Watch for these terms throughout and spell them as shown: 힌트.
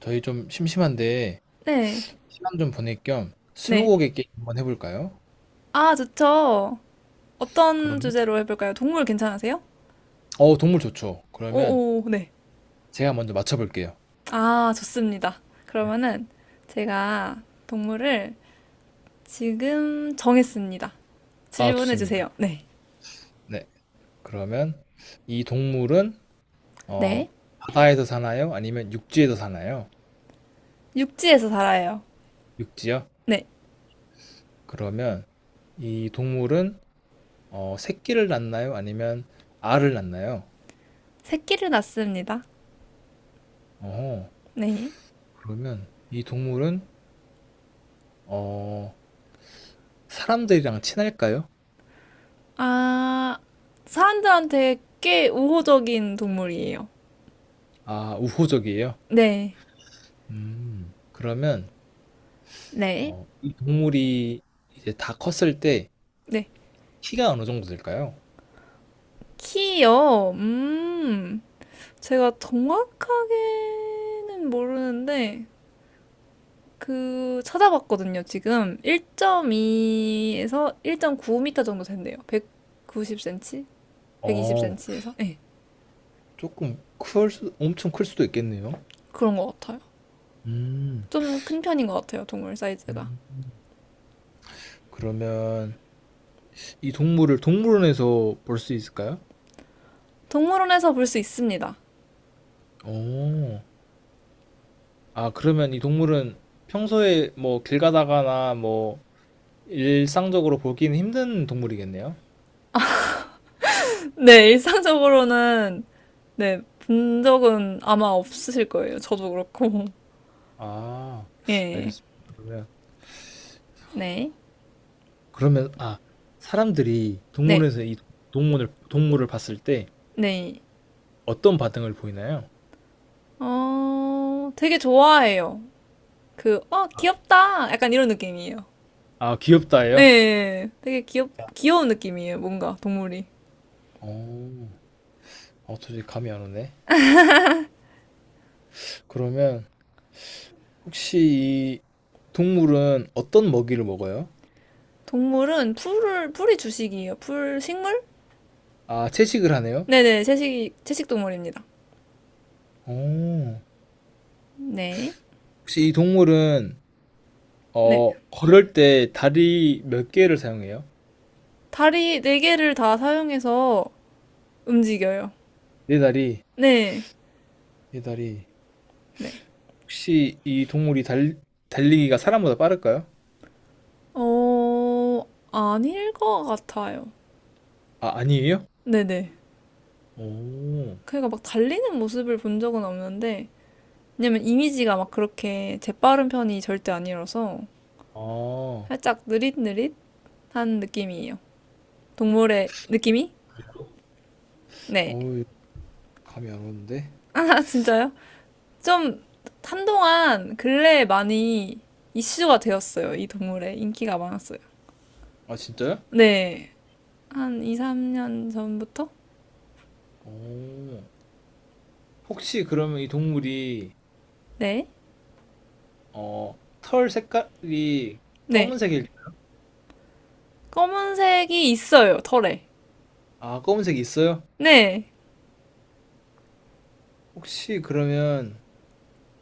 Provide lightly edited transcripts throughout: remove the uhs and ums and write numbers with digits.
저희 좀 심심한데 네, 시간 좀 보낼 겸 네. 스무고개 게임 한번 해볼까요? 아, 좋죠. 어떤 그러면 주제로 해볼까요? 동물 괜찮으세요? 동물 좋죠. 그러면 오, 오, 네. 제가 먼저 맞춰볼게요. 아, 좋습니다. 그러면은 제가 동물을 지금 정했습니다. 아, 질문해 좋습니다. 주세요. 네. 네, 그러면 이 동물은 어 네. 바다에서 사나요? 아니면 육지에서 사나요? 육지에서 살아요. 육지요? 네. 그러면 이 동물은 새끼를 낳나요? 아니면 알을 낳나요? 새끼를 낳습니다. 어. 네. 그러면 이 동물은 어 사람들이랑 친할까요? 아, 사람들한테 꽤 우호적인 동물이에요. 아, 우호적이에요. 네. 음, 그러면 네. 이 동물이 이제 다 컸을 때 네. 키가 어느 정도 될까요? 키요. 음. 제가 정확하게는 모르는데 그 찾아봤거든요. 지금 1.2에서 1.9m 정도 된대요. 190cm? 어, 120cm에서? 네, 조금 클 수, 엄청 클 수도 있겠네요. 그런 것 같아요. 음, 좀 큰 편인 것 같아요. 동물 사이즈가. 음. 그러면 이 동물을 동물원에서 볼 수 있을까요? 동물원에서 볼 수 있습니다. 오. 아, 그러면 이 동물은 평소에 뭐 길 가다가나 뭐 일상적으로 보기는 힘든 동물이겠네요. 네, 일상적으로는 네, 본 적은 아마 없으실 거예요. 저도 그렇고. 아, 예. 알겠습니다. 그러면, 네. 그러면, 아, 사람들이 네. 동물원에서 이 동물을, 동물을 봤을 때 네. 어떤 반응을 보이나요? 어, 되게 좋아해요. 귀엽다. 약간 이런 느낌이에요. 아, 예, 예, 귀엽다예요? 예. 되게 귀여운 느낌이에요. 뭔가, 동물이. 오. 어, 도저히 감이 안 오네. 그러면 혹시 이 동물은 어떤 먹이를 먹어요? 동물은 풀이 주식이에요. 풀, 식물? 아, 채식을 하네요? 네네, 채식 동물입니다. 오. 네. 혹시 이 동물은 네. 걸을 때 다리 몇 개를 사용해요? 다리 네 개를 다 사용해서 움직여요. 네 다리, 네. 네 다리. 네. 혹시 이 동물이 달리기가 사람보다 빠를까요? 어, 아닐 것 같아요. 아, 아니에요? 네네. 오. 그러니까 막 달리는 모습을 본 적은 없는데, 왜냐면 이미지가 막 그렇게 재빠른 편이 절대 아니라서, 아. 살짝 느릿느릿? 한 느낌이에요. 동물의 느낌이? 네. 어우, 감이 안 오는데? 아, 진짜요? 좀 한동안 근래에 많이 이슈가 되었어요. 이 동물의 인기가 많았어요. 아, 진짜요? 네. 한 2, 3년 전부터? 오. 혹시 그러면 이 동물이 네. 어, 털 색깔이 네. 검은색일 검은색이 있어요, 털에. 아, 검은색이 있어요? 네. 혹시 그러면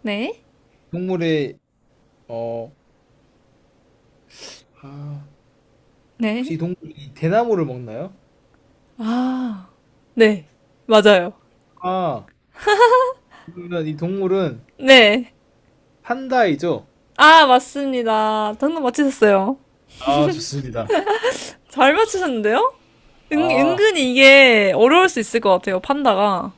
네. 동물의 어, 아, 혹시 네. 이 동물이 대나무를 먹나요? 네. 맞아요. 아, 그러면 이 동물은 네. 판다이죠? 아, 맞습니다. 당근 맞히셨어요. 아, 좋습니다. 잘 맞히셨는데요? 은, 아. 은근히 이게 어려울 수 있을 것 같아요, 판다가.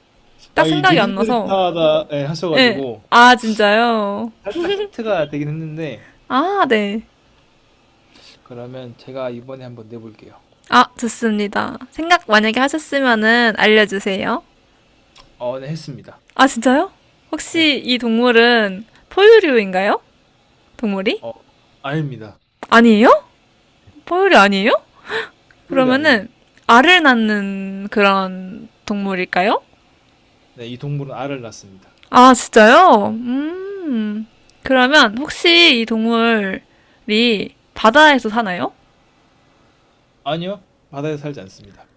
딱 아, 이 생각이 안 나서. 느릿느릿하다 예, 예. 하셔가지고 아, 진짜요? 살짝 힌트가 되긴 했는데, 아, 네. 그러면 제가 이번에 한번 내볼게요. 아, 좋습니다. 생각 만약에 하셨으면은 알려주세요. 어, 네, 했습니다. 아, 진짜요? 네. 혹시 이 동물은 포유류인가요? 동물이? 어, 아닙니다. 아니에요? 포유류 아니에요? 소율이 아닙니다. 그러면은 알을 낳는 그런 동물일까요? 네, 이 동물은 알을 낳습니다. 아, 진짜요? 음. 그러면 혹시 이 동물이 바다에서 사나요? 아니요. 바다에 살지 않습니다.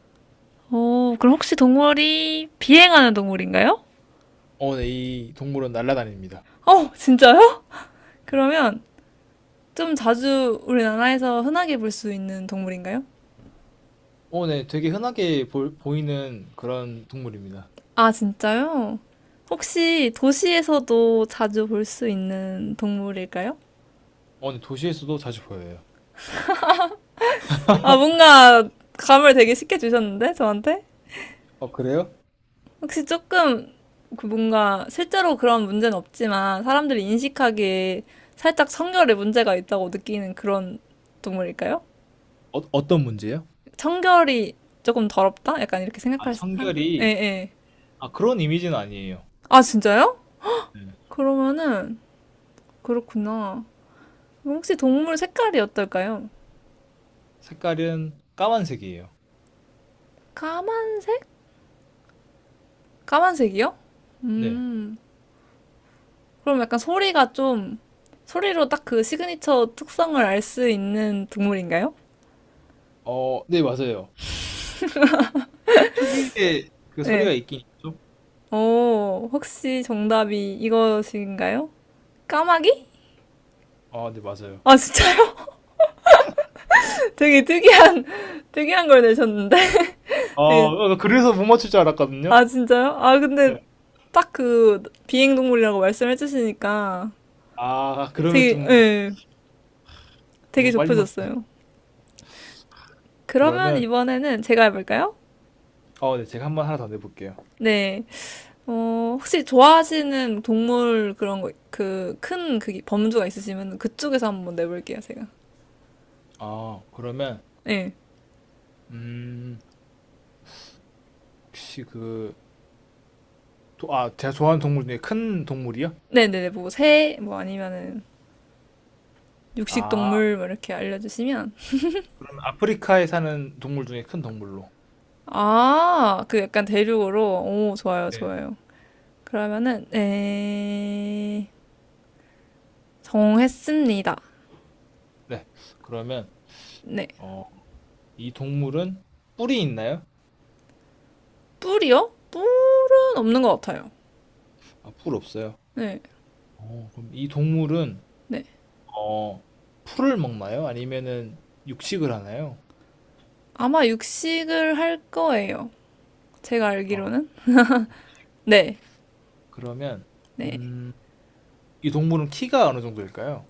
오, 그럼 혹시 동물이 비행하는 동물인가요? 어, 네, 이 동물은 날아다닙니다. 어, 진짜요? 그러면 좀 자주 우리나라에서 흔하게 볼 수 있는 동물인가요? 어, 네, 되게 흔하게 보이는 그런 동물입니다. 아, 진짜요? 혹시 도시에서도 자주 볼 수 있는 동물일까요? 어, 네, 도시에서도 자주 보여요. 아, 뭔가 감을 되게 쉽게 주셨는데, 저한테? 어, 그래요? 혹시 조금 그 뭔가 실제로 그런 문제는 없지만 사람들이 인식하기에 살짝 청결에 문제가 있다고 느끼는 그런 동물일까요? 어, 어떤 문제요? 청결이 조금 더럽다? 약간 이렇게 아, 생각할 수, 아, 예, 청결이 예. 아, 그런 이미지는 아니에요. 아, 진짜요? 네. 그러면은, 그렇구나. 혹시 동물 색깔이 어떨까요? 색깔은 까만색이에요. 까만, 까만색이요? 네. 음, 그럼 약간 소리가 좀, 소리로 딱 그 시그니처 특성을 알 수 있는 동물인가요? 어, 네, 맞아요. 특유의 그 소리가 네. 있긴 있죠? 오, 혹시 정답이 이것인가요? 까마귀? 아, 네, 맞아요. 아, 진짜요? 되게 특이한 걸 내셨는데? 아, 되게, 어, 나 그래서 못 맞출 줄 알았거든요. 아, 진짜요? 아, 근데 네. 딱 그 비행동물이라고 말씀해 주시니까 아, 그러면 좀 예, 되게 너무 빨리 맞. 좁혀졌어요. 그러면 그러면 이번에는 제가 해볼까요? 어, 네, 제가 한번 하나 더 내볼게요. 네. 어, 혹시 좋아하시는 동물 그런 거, 그, 큰 그, 범주가 있으시면 그쪽에서 한번 내볼게요, 제가. 아, 그러면 네. 음, 혹시 아, 제가 좋아하는 동물 중에 큰 동물이요? 네네네, 뭐, 새, 뭐, 아니면은, 아, 육식동물, 뭐, 이렇게 알려주시면. 그럼 아프리카에 사는 동물 중에 큰 동물로. 아, 그 약간 대륙으로. 오, 좋아요, 네. 좋아요. 그러면은, 네. 정했습니다. 네. 그러면, 네. 어, 이 동물은 뿔이 있나요? 뿔이요? 뿔은 없는 것 같아요. 아, 뿔 없어요. 네, 어, 그럼 이 동물은, 네. 어, 풀을 먹나요? 아니면은 육식을 하나요? 아마 육식을 할 거예요. 제가 어, 알기로는. 네, 그러면, 네. 음, 이 동물은 키가 어느 정도일까요?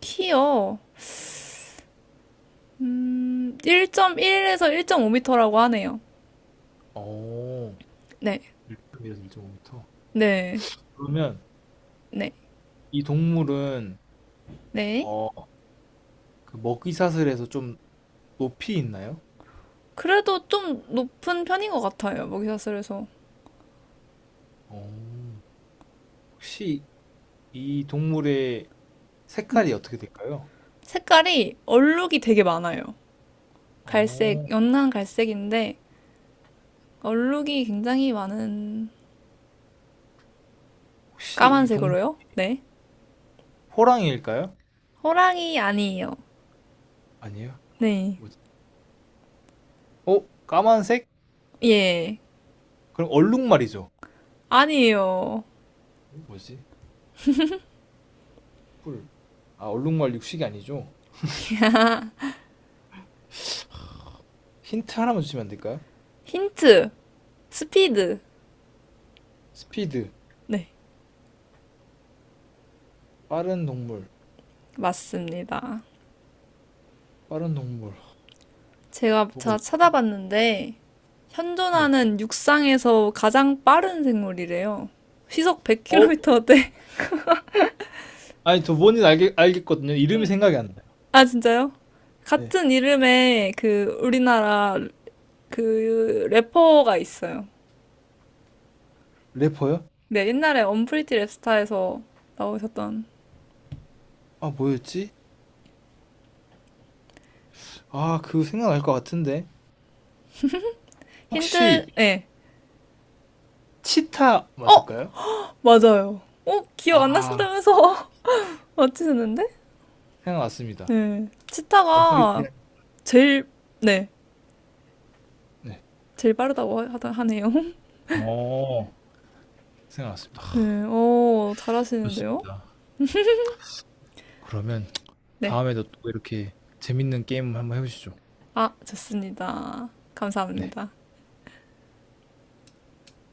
키요. 1.1에서 1 5터라고 하네요. 오, 네, 1.2에서 1.5m. 네, 그러면 네, 이 동물은, 네. 어, 그 먹이사슬에서 좀 높이 있나요? 그래도 좀 높은 편인 것 같아요, 먹이사슬에서. 어, 혹시 이 동물의 색깔이 어떻게 될까요? 색깔이 얼룩이 되게 많아요. 어, 갈색, 연한 갈색인데, 얼룩이 굉장히 많은 혹시 까만색으로요? 네. 호랑이일까요? 호랑이 아니에요. 아니에요. 네. 뭐지? 어, 까만색? 예. 그럼 얼룩말이죠. 아니에요. 뭐지? 뿔. 아, 얼룩말 육식이 아니죠. 힌트 하나만 주시면 안 될까요? 힌트. 스피드. 스피드. 네. 빠른 동물. 맞습니다. 빠른 동물. 제가 뭐가 자 있. 찾아봤는데 네. 현존하는 육상에서 가장 빠른 생물이래요. 시속 어? 100km대. 아니, 저 뭔지 알겠거든요. 이름이 생각이 안 나요. 아, 진짜요? 네. 같은 이름의 그 우리나라 그 래퍼가 있어요. 래퍼요? 네, 옛날에 언프리티 랩스타에서 나오셨던 아, 뭐였지? 아, 그거 생각날 것 같은데. 힌트, 혹시 예. 치타 어, 맞을까요? 맞아요. 어, 기억 안 아, 나신다면서 맞히셨는데? 생각났습니다. 네. 치타가 엄프리티안. 제일, 네, 네. 제일 빠르다고 하네요. 어, 생각났습니다. 네, 어, 잘하시는데요? 좋습니다. 그러면 네. 다음에도 또 이렇게 재밌는 게임 한번 해보시죠. 아, 좋습니다. 네. 감사합니다.